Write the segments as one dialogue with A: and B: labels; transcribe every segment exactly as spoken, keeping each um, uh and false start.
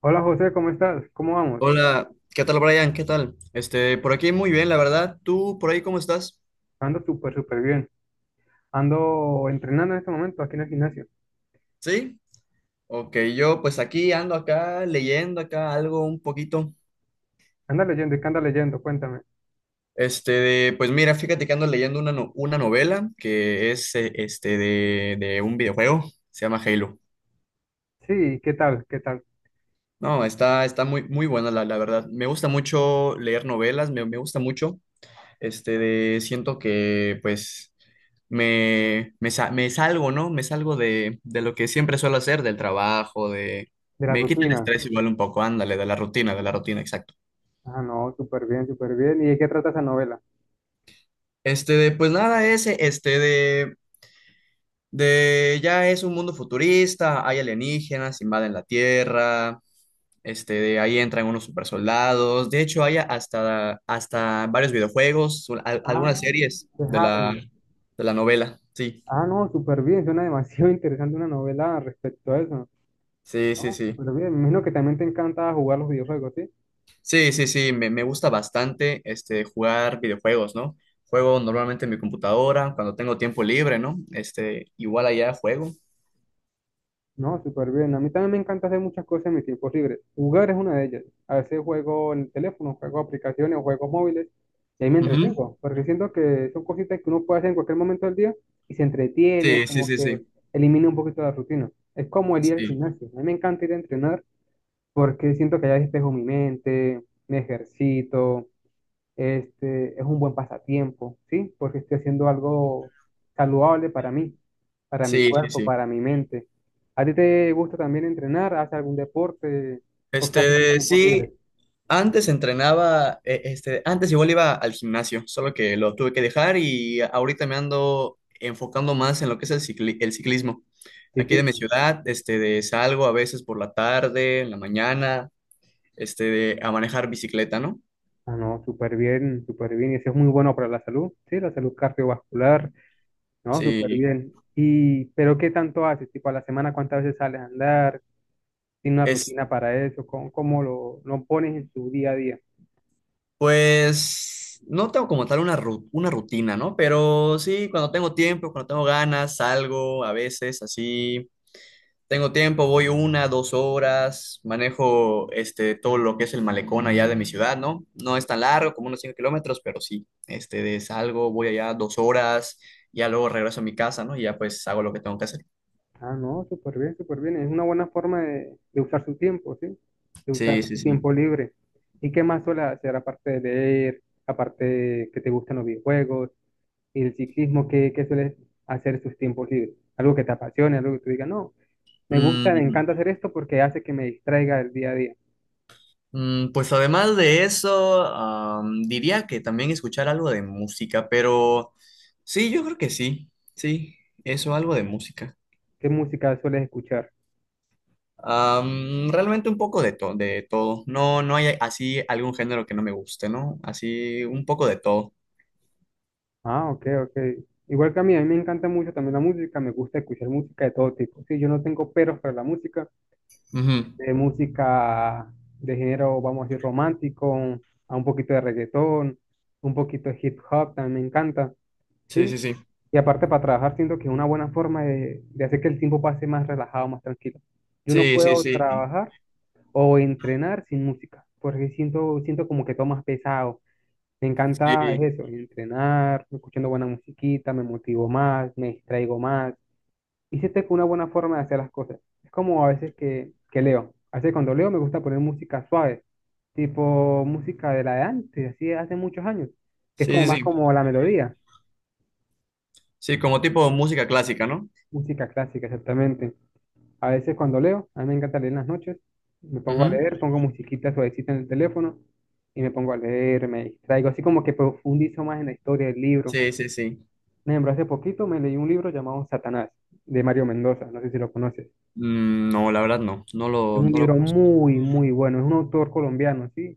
A: Hola José, ¿cómo estás? ¿Cómo vamos?
B: Hola, ¿qué tal Brian? ¿Qué tal? Este, por aquí muy bien, la verdad. ¿Tú por ahí cómo estás?
A: Ando súper, súper bien. Ando entrenando en este momento aquí en el gimnasio.
B: ¿Sí? Ok, yo pues aquí ando acá leyendo acá algo un poquito.
A: Anda leyendo, ¿y qué anda leyendo? Cuéntame.
B: Este, de- pues mira, fíjate que ando leyendo una, no- una novela que es eh, este de, de un videojuego, se llama Halo.
A: Sí, ¿qué tal? ¿Qué tal?
B: No, está, está muy, muy buena la, la verdad. Me gusta mucho leer novelas, me, me gusta mucho. Este, de, siento que pues me, me, sa- me salgo, ¿no? Me salgo de, de lo que siempre suelo hacer, del trabajo, de...
A: De la
B: Me quita el
A: rutina.
B: estrés igual un poco, ándale, de la rutina, de la rutina, exacto.
A: Ah, no, súper bien, súper bien. ¿Y de qué trata esa novela?
B: Este, de, pues nada, ese, este, de, de, ya es un mundo futurista, hay alienígenas, invaden la Tierra, este, de ahí entran unos supersoldados, de hecho hay hasta, hasta varios videojuegos, al-
A: Ah,
B: algunas series
A: de
B: de la,
A: Harry.
B: de la novela, sí,
A: Ah, no, súper bien. Suena demasiado interesante una novela respecto a eso.
B: sí, sí,
A: No,
B: sí.
A: súper bien. Me imagino que también te encanta jugar los videojuegos, ¿sí?
B: Sí, sí, sí, me, me gusta bastante este, jugar videojuegos, ¿no? Juego normalmente en mi computadora, cuando tengo tiempo libre, ¿no? Este, igual allá juego.
A: No, súper bien. A mí también me encanta hacer muchas cosas en mis tiempos libres. Jugar es una de ellas. A veces juego en el teléfono, juego aplicaciones, juegos móviles, y ahí me
B: Ujú.
A: entretengo, porque siento que son cositas que uno puede hacer en cualquier momento del día y se entretiene,
B: Sí, sí,
A: como
B: sí,
A: que
B: sí,
A: elimina un poquito la rutina. Es como el ir al
B: sí,
A: gimnasio. A mí me encanta ir a entrenar porque siento que allá despejo mi mente, me ejercito, este, es un buen pasatiempo, ¿sí? Porque estoy haciendo algo saludable para mí, para mi
B: sí, sí,
A: cuerpo,
B: sí.
A: para mi mente. ¿A ti te gusta también entrenar? ¿Haces algún deporte o casi tus
B: Este,
A: tiempos
B: sí,
A: libres?
B: antes entrenaba, eh, este, antes igual iba al gimnasio, solo que lo tuve que dejar y ahorita me ando enfocando más en lo que es el cicli- el ciclismo. Aquí de mi
A: Ciclismo.
B: ciudad, este, de salgo a veces por la tarde, en la mañana, este, de- a manejar bicicleta, ¿no?
A: Ah, no, súper bien, súper bien. Y eso es muy bueno para la salud, ¿sí? La salud cardiovascular, ¿no? Súper
B: Sí,
A: bien. Y, pero ¿qué tanto haces? Tipo, a la semana, ¿cuántas veces sales a andar? ¿Tiene una
B: es
A: rutina para eso? ¿Cómo, cómo lo, lo pones en tu día a día?
B: pues no tengo como tal una, ru- una rutina, ¿no? Pero sí, cuando tengo tiempo, cuando tengo ganas, salgo a veces así. Tengo tiempo, voy una, dos horas, manejo este, todo lo que es el malecón allá de mi ciudad, ¿no? No es tan largo, como unos cinco kilómetros, pero sí, este, de salgo, voy allá dos horas, ya luego regreso a mi casa, ¿no? Y ya pues hago lo que tengo que hacer.
A: Ah, no, súper bien, súper bien. Es una buena forma de, de usar su tiempo, ¿sí? De usar
B: Sí, sí,
A: su
B: sí.
A: tiempo libre. ¿Y qué más suele hacer aparte de leer, aparte de que te gustan los videojuegos y el ciclismo? ¿Qué, qué sueles hacer en sus tiempos libres? Algo que te apasione, algo que tú digas, no, me gusta, me
B: Mm,
A: encanta hacer esto porque hace que me distraiga del día a día.
B: Mm, Pues además de eso, am, diría que también escuchar algo de música, pero sí, yo creo que sí, sí, eso, algo de música.
A: ¿Qué música sueles escuchar?
B: Am, realmente un poco de, to- de todo. No, no hay así algún género que no me guste, ¿no? Así un poco de todo.
A: Ah, ok, ok. Igual que a mí, a mí me encanta mucho también la música, me gusta escuchar música de todo tipo. Sí, yo no tengo peros para la música.
B: Ujú.
A: De música de género, vamos a decir, romántico, a un poquito de reggaetón, un poquito de hip hop, también me encanta,
B: Sí,
A: ¿sí?
B: sí, sí.
A: Y aparte para trabajar siento que es una buena forma de, de hacer que el tiempo pase más relajado, más tranquilo. Yo no
B: Sí, sí,
A: puedo
B: sí.
A: trabajar o entrenar sin música, porque siento, siento como que todo más pesado. Me encanta
B: Sí,
A: es eso, entrenar, escuchando buena musiquita, me motivo más, me distraigo más y siento que una buena forma de hacer las cosas. Es como a veces que, que leo. A veces cuando leo me gusta poner música suave, tipo música de la de antes, así de hace muchos años, que es como
B: sí, sí,
A: más
B: sí.
A: como la melodía,
B: Sí, como tipo música clásica, ¿no?
A: música clásica exactamente. A veces cuando leo, a mí me encanta leer en las noches, me pongo a
B: Ujú.
A: leer, pongo musiquita suavecita en el teléfono y me pongo a leer, me distraigo, así como que profundizo más en la historia del libro.
B: Sí, sí, sí.
A: Por ejemplo, hace poquito me leí un libro llamado Satanás, de Mario Mendoza, no sé si lo conoces.
B: Mm, no, la verdad no, no
A: Es
B: lo,
A: un
B: no lo
A: libro
B: conozco.
A: muy, muy bueno. Es un autor colombiano, ¿sí?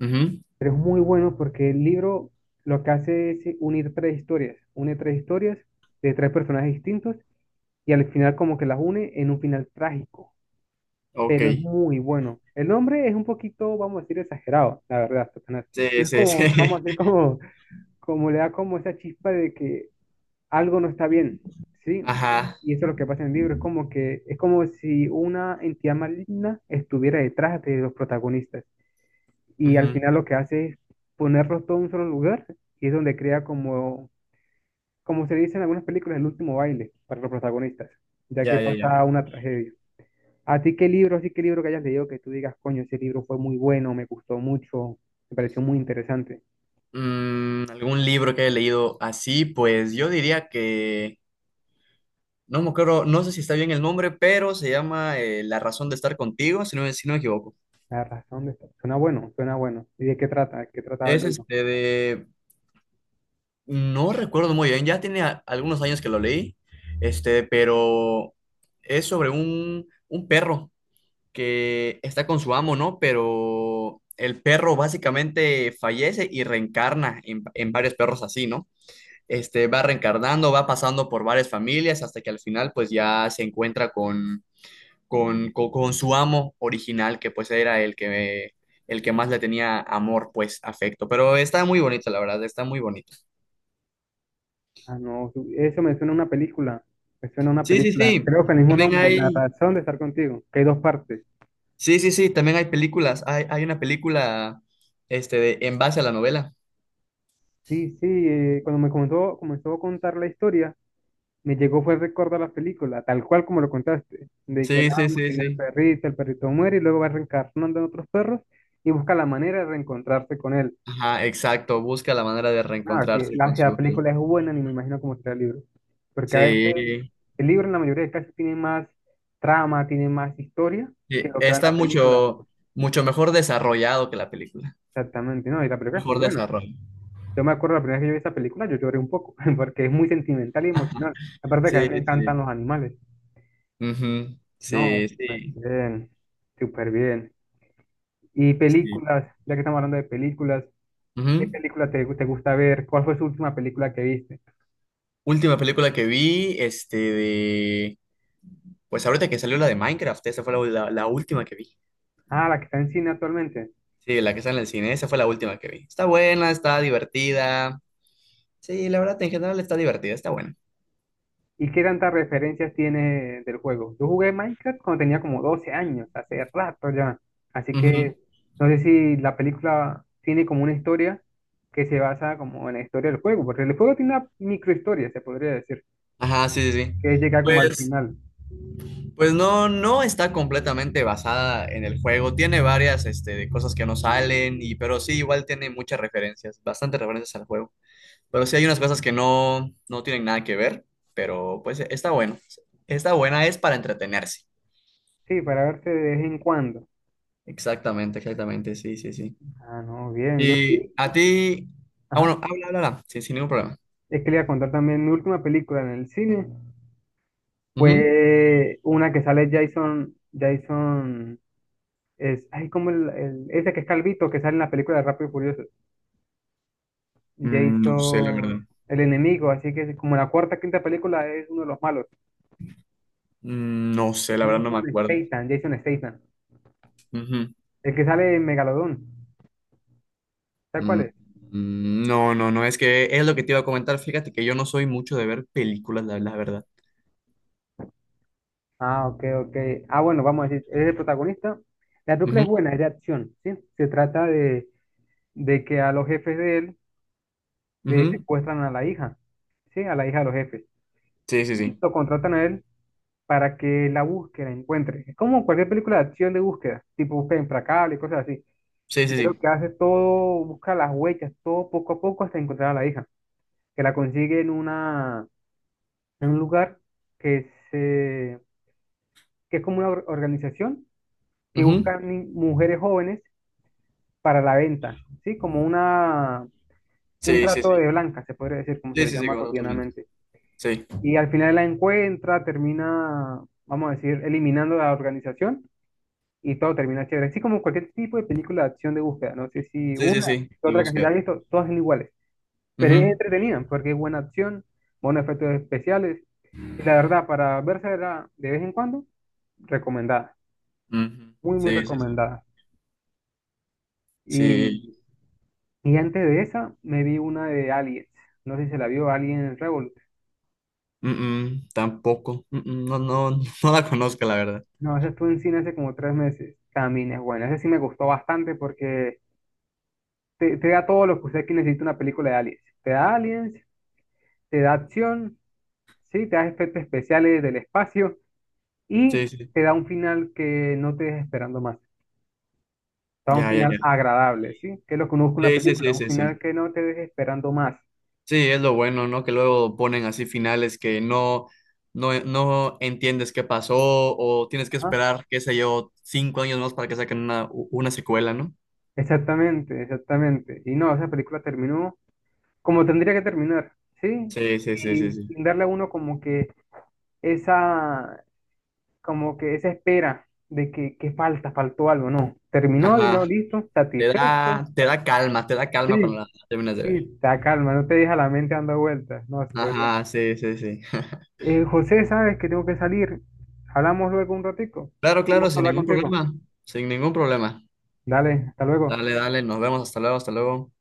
B: Ujú.
A: Pero es muy bueno porque el libro lo que hace es eh, unir tres historias. Une tres historias de tres personajes distintos y al final como que las une en un final trágico. Pero es
B: Ok.
A: muy bueno. El nombre es un poquito, vamos a decir, exagerado, la verdad, Satanás.
B: Sí,
A: Pero es
B: sí, sí.
A: como, vamos a decir, como, como le da como esa chispa de que algo no está bien, ¿sí?
B: Ajá.
A: Y eso es lo que pasa en el libro. Es como que, es como si una entidad maligna estuviera detrás de los protagonistas, y al
B: Ujú.
A: final lo que hace es ponerlos todo en un solo lugar y es donde crea como, como se dice en algunas películas, el último baile para los protagonistas, ya que
B: Ya, ya, ya.
A: pasa una tragedia. ¿A ti qué libro, así qué libro que hayas leído que tú digas, coño, ese libro fue muy bueno, me gustó mucho, me pareció muy interesante?
B: Mm, algún libro que haya leído así, pues yo diría que, no me acuerdo, no sé si está bien el nombre, pero se llama eh, La razón de estar contigo, si no, me- si no me equivoco.
A: La razón de estar. Suena bueno, suena bueno. ¿Y de qué trata? ¿De qué trataba el
B: Es
A: libro?
B: este de, no recuerdo muy bien, ya tiene a- algunos años que lo leí, este, pero es sobre un, un perro que está con su amo, ¿no? Pero el perro básicamente fallece y reencarna en, en varios perros así, ¿no? Este, va reencarnando, va pasando por varias familias hasta que al final pues ya se encuentra con, con, con, con su amo original, que pues era el que, el que más le tenía amor, pues afecto. Pero está muy bonito, la verdad, está muy bonito.
A: Ah, no, su- eso me suena a una película. Me suena a una
B: Sí, sí,
A: película.
B: sí.
A: Creo que el mismo
B: También
A: nombre, La
B: hay,
A: razón de estar contigo, que hay dos partes.
B: sí, sí, sí, también hay películas. Hay, hay una película este, de- en base a la novela.
A: Sí, sí, eh, cuando me comenzó, comenzó a contar la historia, me llegó fue el recuerdo a la película, tal cual como lo contaste, de que el
B: Sí, sí,
A: amo
B: sí,
A: tiene el
B: sí.
A: perrito, el perrito muere y luego va reencarnando en otros perros y busca la manera de reencontrarse con él.
B: Ajá, exacto. Busca la manera de
A: No, sí,
B: reencontrarse
A: la,
B: con
A: si la
B: su...
A: película es buena, ni me imagino cómo será el libro. Porque a veces
B: Sí.
A: el libro en la mayoría de casos tiene más trama, tiene más historia que
B: Sí,
A: lo que va en
B: está
A: la película.
B: mucho, mucho mejor desarrollado que la película.
A: Exactamente, no, y la película es muy
B: Mejor
A: buena.
B: desarrollo.
A: Yo me acuerdo la primera vez que yo vi esa película, yo lloré un poco, porque es muy sentimental y emocional. Aparte que a mí me
B: Sí,
A: encantan
B: sí.
A: los animales.
B: Ujú.
A: No,
B: Sí,
A: súper
B: sí,
A: bien, súper bien. Y
B: sí.
A: películas, ya que estamos hablando de películas, ¿qué
B: Ujú.
A: película te, te gusta ver? ¿Cuál fue su última película que viste?
B: Última película que vi, este de... Pues ahorita que salió la de Minecraft, esa fue la, la- la última que vi.
A: Ah, la que está en cine actualmente.
B: Sí, la que está en el cine, esa fue la última que vi. Está buena, está divertida. Sí, la verdad, en general está divertida, está buena.
A: ¿Y qué tantas referencias tiene del juego? Yo jugué Minecraft cuando tenía como doce años, hace rato ya. Así
B: Ujú.
A: que no sé si la película tiene como una historia que se basa como en la historia del juego, porque el juego tiene una microhistoria, se podría decir,
B: Ajá, sí, sí, sí.
A: que es llegar como al
B: Pues
A: final.
B: Pues no, no está completamente basada en el juego. Tiene varias, este, cosas que no salen, y, pero sí, igual tiene muchas referencias, bastantes referencias al juego. Pero sí hay unas cosas que no, no tienen nada que ver, pero pues está bueno. Está buena, es para entretenerse.
A: Sí, para verse de vez en cuando.
B: Exactamente, exactamente, sí, sí, sí.
A: Ah, no, bien, yo
B: Y
A: sí.
B: a ti, ah,
A: Ajá.
B: bueno, habla, habla, habla, sí, sin ningún problema.
A: Es que le iba a contar también mi última película en el cine.
B: Ujú.
A: Fue una que sale Jason, Jason, es, ay, como el, el- ese que es calvito, que sale en la película de Rápido y Furioso,
B: Mm, No sé, la verdad.
A: Jason, el enemigo, así que como la cuarta, quinta película es uno de los malos,
B: Mm, No sé, la verdad no me
A: Jason
B: acuerdo.
A: Statham, Jason Statham, el que sale en Megalodón, ¿sabes cuál
B: Mm,
A: es?
B: mm, No, no, no, es que es lo que te iba a comentar. Fíjate que yo no soy mucho de ver películas, la, la verdad.
A: Ah, ok, ok, ah, bueno, vamos a decir, es el protagonista, la película es
B: Ujú,
A: buena, es de acción, ¿sí? Se trata de, de que a los jefes de él le
B: ujú.
A: secuestran a la hija, ¿sí? A la hija de los jefes,
B: Sí, sí,
A: y
B: sí.
A: lo contratan a él para que la búsqueda encuentre. Es como cualquier película de acción de búsqueda, tipo búsqueda implacable y cosas así.
B: Sí,
A: Y
B: sí,
A: es lo
B: sí.
A: que hace todo, busca las huellas, todo poco a poco hasta encontrar a la hija, que la consigue en una, en un lugar que se, que es como una or- organización que
B: Ujú.
A: busca ni- mujeres jóvenes para la venta, ¿sí? Como una, un
B: Sí, sí,
A: trato
B: sí.
A: de blanca, se podría decir, como se
B: Sí,
A: le
B: sí, sí, que
A: llama
B: mandó tu link.
A: cotidianamente.
B: Sí,
A: Y al final la encuentra, termina, vamos a decir, eliminando la organización y todo termina chévere. Así como cualquier tipo de película de acción de búsqueda, no sé si
B: sí, sí,
A: una
B: sí.
A: o
B: De
A: otra que se haya
B: buscar.
A: visto, todas son iguales, pero es
B: Ujú,
A: entretenida porque es buena acción, buenos efectos especiales y la verdad, para verse de vez en cuando, recomendada,
B: ujú.
A: muy, muy
B: Sí, sí, sí.
A: recomendada.
B: Sí.
A: Y, y antes de esa, me vi una de Aliens, no sé si se la vio Alien Revolution.
B: Mm, mm, Tampoco. Mm, mm, No, no, no la conozco, la verdad.
A: No, esa estuvo en cine hace como tres meses. También es buena. Esa sí me gustó bastante porque te, te da todo lo que usted que necesita una película de Aliens. Te da Aliens, te da acción, sí, te da efectos especiales del espacio
B: Sí,
A: y
B: sí.
A: te da un final que no te dejes esperando más. Te da un
B: Ya, ya,
A: final
B: ya.
A: agradable, ¿sí? Que es lo que uno busca en una
B: Sí, sí,
A: película,
B: sí,
A: un
B: sí,
A: final
B: sí.
A: que no te deje esperando más.
B: Sí, es lo bueno, ¿no? Que luego ponen así finales que no, no, no entiendes qué pasó o tienes que
A: Ajá.
B: esperar, qué sé yo, cinco años más para que saquen una, una secuela, ¿no?
A: Exactamente, exactamente. Y no, esa película terminó como tendría que terminar, ¿sí?
B: Sí, sí, sí,
A: Y
B: sí, sí.
A: sin darle a uno como que esa, como que esa espera de que, que falta, faltó algo, no. Terminó y no,
B: Ajá.
A: listo,
B: Te
A: satisfecho.
B: da, te da calma, te da
A: Sí,
B: calma cuando la terminas de
A: sí,
B: ver.
A: te calma, no te deja la mente dando vueltas. No, súper bien.
B: Ajá, sí, sí, sí.
A: Eh, José, sabes que tengo que salir. Hablamos luego un ratico.
B: Claro,
A: Un
B: claro,
A: gusto
B: sin
A: hablar
B: ningún
A: contigo.
B: problema, sin ningún problema.
A: Dale, hasta luego.
B: Dale, dale, nos vemos, hasta luego, hasta luego.